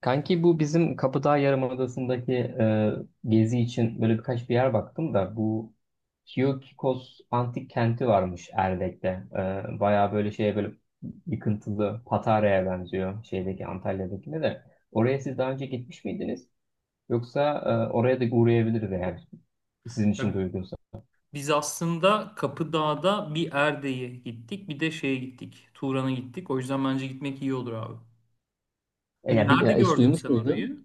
Kanki bu bizim Kapıdağ Yarımadası'ndaki gezi için böyle birkaç bir yer baktım da bu Kiyokikos antik kenti varmış Erdek'te. Bayağı böyle şeye böyle yıkıntılı Patara'ya benziyor şeydeki Antalya'dakine de. Oraya siz daha önce gitmiş miydiniz? Yoksa oraya da uğrayabiliriz eğer sizin için de Ya uygunsa. biz aslında Kapıdağ'da bir Erde'ye gittik, bir de şeye gittik. Turan'a gittik. O yüzden bence gitmek iyi olur abi. Yani bir, Nerede hiç gördün duymuş sen muydun? orayı?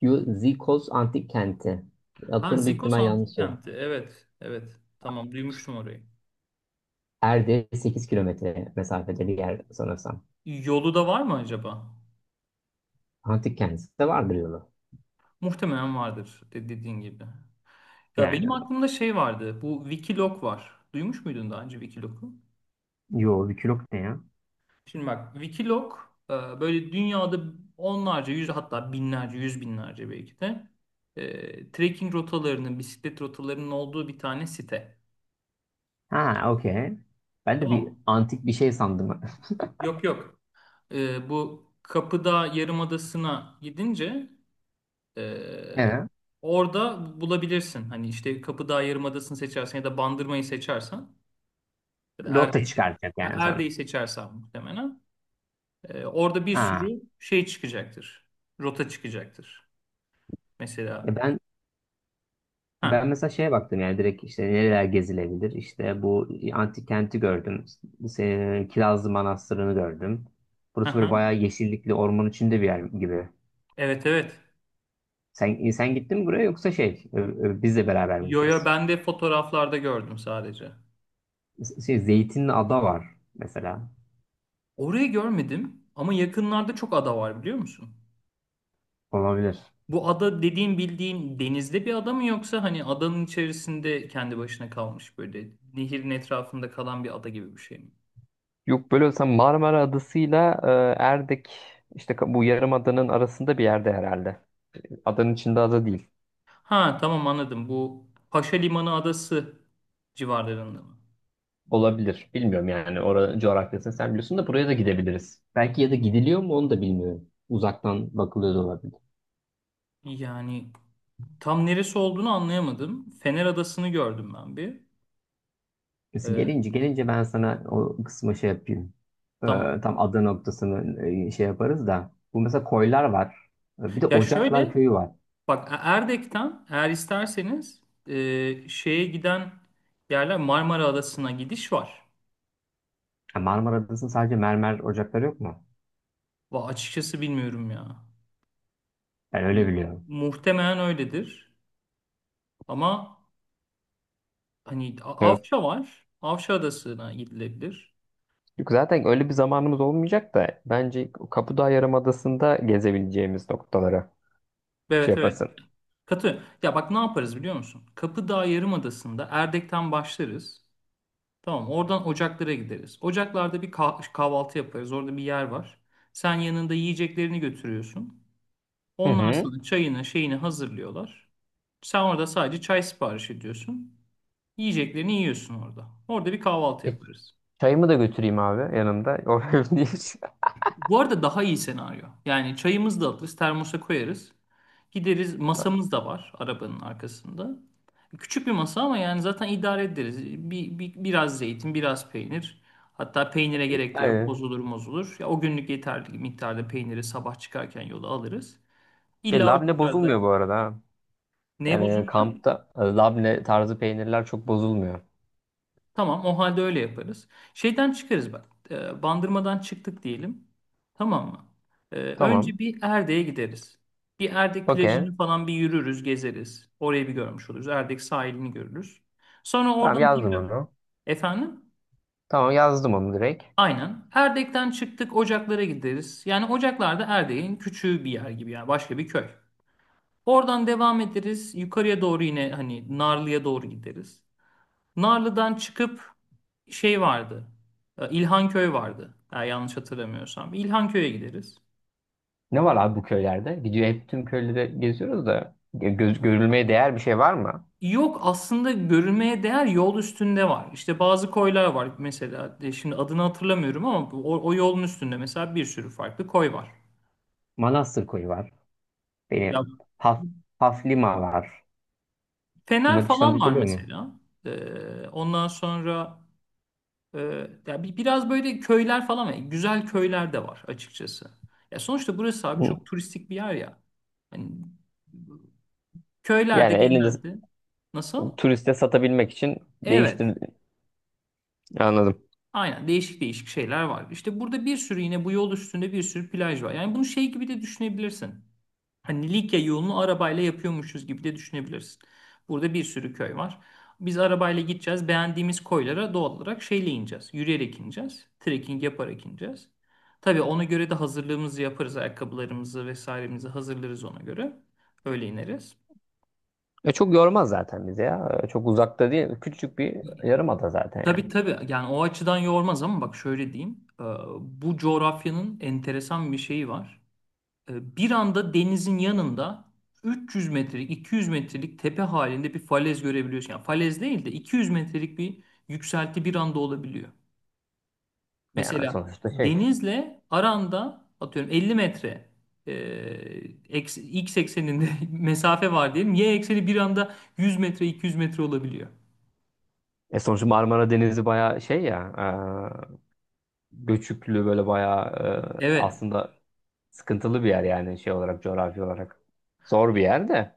Kiyikos Antik Kenti. Ha Adını büyük Zikos ihtimal yanlış Antik söyledim. Kenti. Evet, evet. Tamam duymuştum orayı. Erde 8 kilometre mesafede bir yer sanırsam. Yolu da var mı acaba? Antik kendisi de vardır yolu. Muhtemelen vardır dediğin gibi. Ya Yani benim aklımda şey vardı. Bu Wikiloc var. Duymuş muydun daha önce Wikiloc'u? yo bir kilok ne ya? Şimdi bak Wikiloc e, böyle dünyada onlarca yüz hatta binlerce yüz binlerce belki de trekking rotalarının bisiklet rotalarının olduğu bir tane site. Ha okey. Ben de Tamam bir mı? antik bir şey sandım. Yok yok. Bu Kapıdağ Yarımadası'na gidince e, Evet. orada bulabilirsin. Hani işte Kapıdağ Yarımadası'nı seçersen ya da Bandırma'yı seçersen ya da Rota çıkartacak yani sana. Erde'yi seçersen muhtemelen orada bir Ha. sürü şey çıkacaktır. Rota çıkacaktır. E Mesela. ben Ha, ben mesela şeye baktım yani direkt işte nereler gezilebilir. İşte bu antik kenti gördüm. Se- Kirazlı Manastırı'nı gördüm. ha, Burası böyle ha. bayağı yeşillikli orman içinde bir yer gibi. Evet, evet. Sen gittin mi buraya yoksa şey ö- ö- bizle beraber mi Yo yo gideceğiz? ben de fotoğraflarda gördüm sadece. Şey Zeytinli ada var mesela Orayı görmedim ama yakınlarda çok ada var biliyor musun? olabilir. Bu ada dediğin bildiğin denizde bir ada mı yoksa hani adanın içerisinde kendi başına kalmış böyle nehirin etrafında kalan bir ada gibi bir şey mi? Yok böyle olsa Marmara Adası'yla Erdek işte ka- bu yarımadanın arasında bir yerde herhalde. Adanın içinde ada değil. Ha tamam anladım. Bu Paşa Limanı adası civarlarında mı? Olabilir. Bilmiyorum yani. Oranın coğrafyasını sen biliyorsun da buraya da gidebiliriz. Belki ya da gidiliyor mu onu da bilmiyorum. Uzaktan bakılıyor da olabilir. Yani tam neresi olduğunu anlayamadım. Fener Adası'nı gördüm ben bir. Neyse Ee, gelince ben sana o kısma şey yapayım. E, tamam. Tam ada noktasını şey yaparız da. Bu mesela koylar var. Bir de Ya Ocaklar şöyle, Köyü var. bak, Erdek'ten eğer isterseniz şeye giden yerler Marmara Adası'na gidiş var. Ha, Marmara Adası'nın sadece mermer ocakları yok mu? Va açıkçası bilmiyorum ya. Ben öyle Hani biliyorum. muhtemelen öyledir. Ama hani Avşa var. Avşa Adası'na gidilebilir. Yok, zaten öyle bir zamanımız olmayacak da bence Kapıdağ Yarımadası'nda gezebileceğimiz noktalara şey Evet, evet. yapasın. Katı. Ya bak ne yaparız biliyor musun? Kapıdağ Yarımadası'nda Erdek'ten başlarız. Tamam, oradan Ocaklar'a gideriz. Ocaklar'da bir kahvaltı yaparız. Orada bir yer var. Sen yanında yiyeceklerini götürüyorsun. Hı Onlar hı. sana çayını şeyini hazırlıyorlar. Sen orada sadece çay sipariş ediyorsun. Yiyeceklerini yiyorsun orada. Orada bir kahvaltı E, yaparız. Çayımı da götüreyim abi yanımda. O önemli değil. Bu arada daha iyi senaryo. Yani çayımızı da alırız, termosa koyarız. Gideriz, masamız da var arabanın arkasında. Küçük bir masa ama yani zaten idare ederiz. Biraz zeytin, biraz peynir. Hatta peynire gerek de yok. Aynen. Bozulur bozulur. Ya o günlük yeterli miktarda peyniri sabah çıkarken yola alırız. Şey İlla o labne miktarda bozulmuyor bu arada. Ha. ne Yani bozulmuyor? kampta labne tarzı peynirler çok bozulmuyor. Tamam, o halde öyle yaparız. Şeyden çıkarız bak. Bandırmadan çıktık diyelim. Tamam mı? Önce Tamam. bir Erdek'e gideriz. Bir Erdek Okey. plajını falan bir yürürüz, gezeriz. Orayı bir görmüş oluruz. Erdek sahilini görürüz. Sonra Tamam oradan yazdım tekrar onu. efendim Tamam yazdım onu direkt. aynen Erdek'ten çıktık, Ocaklar'a gideriz. Yani Ocaklar da Erdek'in küçüğü bir yer gibi yani başka bir köy. Oradan devam ederiz. Yukarıya doğru yine hani Narlı'ya doğru gideriz. Narlı'dan çıkıp şey vardı. İlhanköy vardı. Eğer yanlış hatırlamıyorsam. İlhanköy'e gideriz. Ne var abi bu köylerde? Gidiyor hep tüm köyleri geziyoruz da gö- göz, görülmeye değer bir şey var mı? Yok aslında görülmeye değer yol üstünde var. İşte bazı koylar var mesela. Şimdi adını hatırlamıyorum ama o yolun üstünde mesela bir sürü farklı koy var. Manastır koyu var. Ya Benim Haf- Haflima var. Bunlar Fener falan işten var geliyor mu? mesela. Ondan sonra e, ya biraz böyle köyler falan var. Güzel köyler de var açıkçası. Ya sonuçta burası abi Hı. çok turistik bir yer ya. Hani köylerde Yani elinde genelde nasıl? turiste satabilmek için Evet. değiştir anladım. Aynen değişik değişik şeyler var. İşte burada bir sürü yine bu yol üstünde bir sürü plaj var. Yani bunu şey gibi de düşünebilirsin. Hani Likya yolunu arabayla yapıyormuşuz gibi de düşünebilirsin. Burada bir sürü köy var. Biz arabayla gideceğiz. Beğendiğimiz koylara doğal olarak şeyle ineceğiz. Yürüyerek ineceğiz. Trekking yaparak ineceğiz. Tabii ona göre de hazırlığımızı yaparız. Ayakkabılarımızı vesairemizi hazırlarız ona göre. Öyle ineriz. E çok yormaz zaten bizi ya. E çok uzakta değil. Küçücük bir yarımada zaten Tabii yani. tabii yani o açıdan yormaz ama bak şöyle diyeyim. Bu coğrafyanın enteresan bir şeyi var. Bir anda denizin yanında 300 metrelik 200 metrelik tepe halinde bir falez görebiliyorsun. Yani falez değil de 200 metrelik bir yükselti bir anda olabiliyor. Yani Mesela sonuçta şey. denizle aranda atıyorum 50 metre e, x ekseninde mesafe var diyelim. Y ekseni bir anda 100 metre 200 metre olabiliyor. E sonuçta Marmara Denizi bayağı şey ya. e, Göçüklü böyle bayağı Evet. aslında sıkıntılı bir yer yani şey olarak coğrafi olarak. Zor bir yer de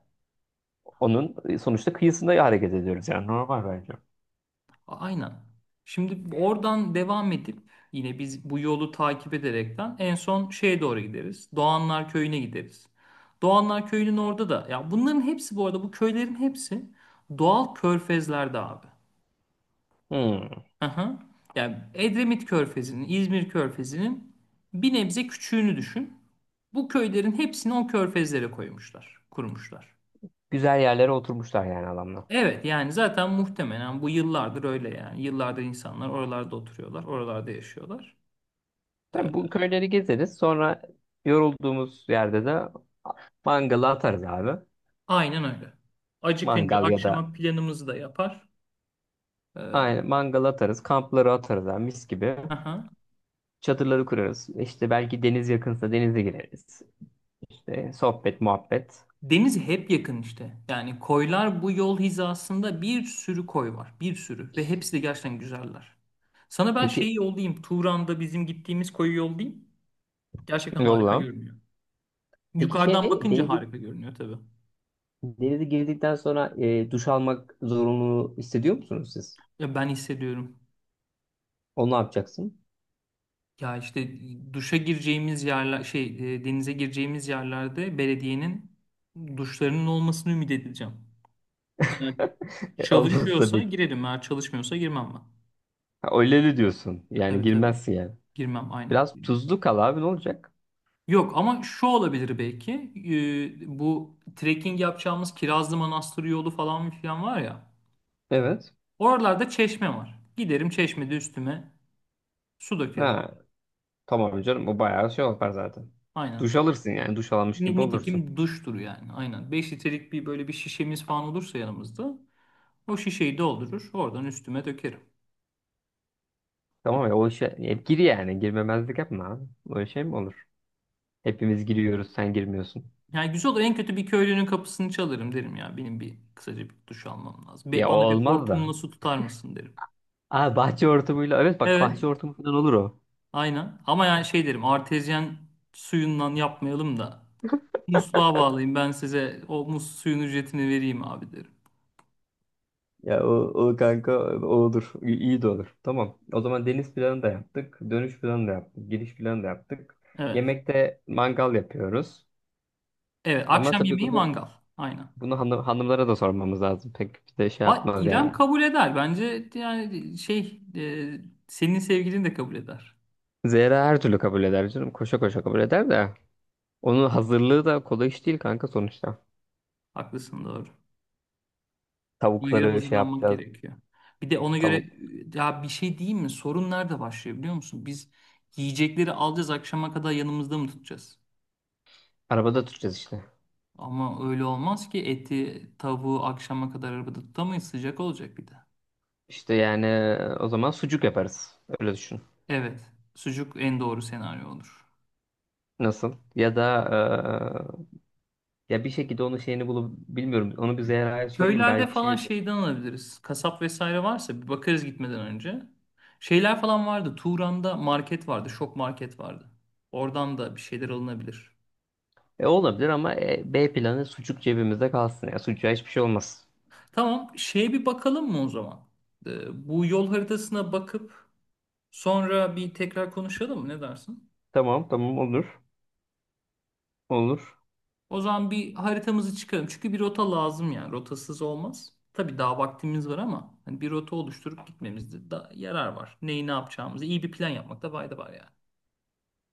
onun sonuçta kıyısında hareket ediyoruz yani normal bence. Aynen. Şimdi oradan devam edip yine biz bu yolu takip ederekten en son şeye doğru gideriz. Doğanlar Köyü'ne gideriz. Doğanlar Köyü'nün orada da ya bunların hepsi bu arada bu köylerin hepsi doğal körfezlerde abi. Hı. Aha. Yani Edremit Körfezi'nin, İzmir Körfezi'nin bir nebze küçüğünü düşün. Bu köylerin hepsini o körfezlere koymuşlar, kurmuşlar. Güzel yerlere oturmuşlar yani adamlar. Evet yani zaten muhtemelen bu yıllardır öyle yani. Yıllardır insanlar oralarda oturuyorlar, oralarda yaşıyorlar. Tabii bu Ee, köyleri gezeriz. Sonra yorulduğumuz yerde de mangalı atarız abi. Aynen öyle. Acıkınca Mangal ya da akşama planımızı da yapar. Ee, aynen mangal atarız. Kampları atarız abi mis gibi. aha. Çadırları kurarız. İşte belki deniz yakınsa denize gireriz. İşte sohbet, muhabbet. Deniz hep yakın işte. Yani koylar bu yol hizasında bir sürü koy var. Bir sürü. Ve hepsi de gerçekten güzeller. Sana ben Peki şeyi yollayayım. Turan'da bizim gittiğimiz koyu yollayayım. Gerçekten harika yolla. görünüyor. Peki Yukarıdan şey bakınca denizi harika görünüyor tabii. denize girdikten sonra duş almak zorunluluğu hissediyor musunuz siz? Ya ben hissediyorum. Onu ne yapacaksın? Ya işte duşa gireceğimiz yerler denize gireceğimiz yerlerde belediyenin duşlarının olmasını ümit edeceğim. Evet. Olmaz Çalışıyorsa tabii ki. girelim, eğer çalışmıyorsa girmem ben. Ha, öyle de diyorsun. Yani Tabii tabii. girmezsin yani. Girmem aynen. Biraz tuzlu kal abi ne olacak? Yok ama şu olabilir belki. Bu trekking yapacağımız Kirazlı Manastır yolu falan filan var ya. Evet. Oralarda çeşme var. Giderim çeşmede üstüme su dökerim. Ha, tamam canım o bayağı şey yapar zaten. Aynen. Duş alırsın yani duş almış gibi olursun. Nitekim duştur yani. Aynen. 5 litrelik bir böyle bir şişemiz falan olursa yanımızda o şişeyi doldurur. Oradan üstüme dökerim. Tamam ya o işe hep gir yani girmemezlik yapma abi. Öyle şey mi olur? Hepimiz giriyoruz sen girmiyorsun. Yani güzel olur. En kötü bir köylünün kapısını çalarım derim ya. Benim bir kısaca bir duş almam lazım. Ya o Bana bir olmaz hortumla da. su tutar mısın derim. Aa bahçe hortumuyla evet bak Evet. bahçe hortumu falan olur o. Aynen. Ama yani şey derim. Artezyen suyundan yapmayalım da musluğa bağlayayım. Ben size o mus suyun ücretini vereyim abi derim. Ya o, o kanka o olur. İyi iyi de olur. Tamam. O zaman deniz planı da yaptık. Dönüş planı da yaptık. Giriş planı da yaptık. Evet. Yemekte mangal yapıyoruz. Evet. Ama Akşam tabii yemeği bunu mangal. Aynen. bunu hanım, hanımlara da sormamız lazım. Pek bir de şey Va yapmaz İrem yani. kabul eder. Bence yani şey senin sevgilin de kabul eder. Zehra her türlü kabul eder canım. Koşa koşa kabul eder de. Onun hazırlığı da kolay iş değil kanka sonuçta. Haklısın doğru. Ona göre Tavukları şey hazırlanmak yapacağız. gerekiyor. Bir de ona göre Tavuk. ya bir şey diyeyim mi? Sorun nerede başlıyor biliyor musun? Biz yiyecekleri alacağız akşama kadar yanımızda mı tutacağız? Arabada tutacağız işte. Ama öyle olmaz ki eti, tavuğu akşama kadar arabada tutamayız. Sıcak olacak bir de. İşte yani o zaman sucuk yaparız. Öyle düşün. Evet, sucuk en doğru senaryo olur. Nasıl? Ya da ya bir şekilde onun şeyini bulup bilmiyorum. Onu bir Zehra'ya sorayım Köylerde belki falan şeydir. şeyden alabiliriz. Kasap vesaire varsa bir bakarız gitmeden önce. Şeyler falan vardı. Turan'da market vardı. Şok market vardı. Oradan da bir şeyler alınabilir. Olabilir ama B planı sucuk cebimizde kalsın. Ya sucuğa hiçbir şey olmaz. Tamam, şeye bir bakalım mı o zaman? Bu yol haritasına bakıp sonra bir tekrar konuşalım mı? Ne dersin? Tamam tamam olur. Olur. O zaman bir haritamızı çıkaralım. Çünkü bir rota lazım yani. Rotasız olmaz. Tabii daha vaktimiz var ama hani bir rota oluşturup gitmemizde da yarar var. Neyi ne yapacağımızı iyi bir plan yapmakta fayda var yani.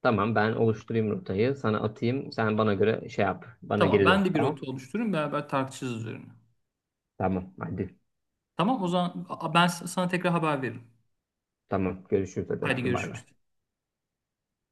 Tamam ben oluşturayım rotayı. Sana atayım. Sen bana göre şey yap. Bana Tamam, geri ben dön. de bir Tamam. rota oluştururum beraber tartışırız üzerine. Tamam hadi. Tamam, o zaman ben sana tekrar haber veririm. Tamam görüşürüz hadi Haydi öptüm bay bay. görüşürüz.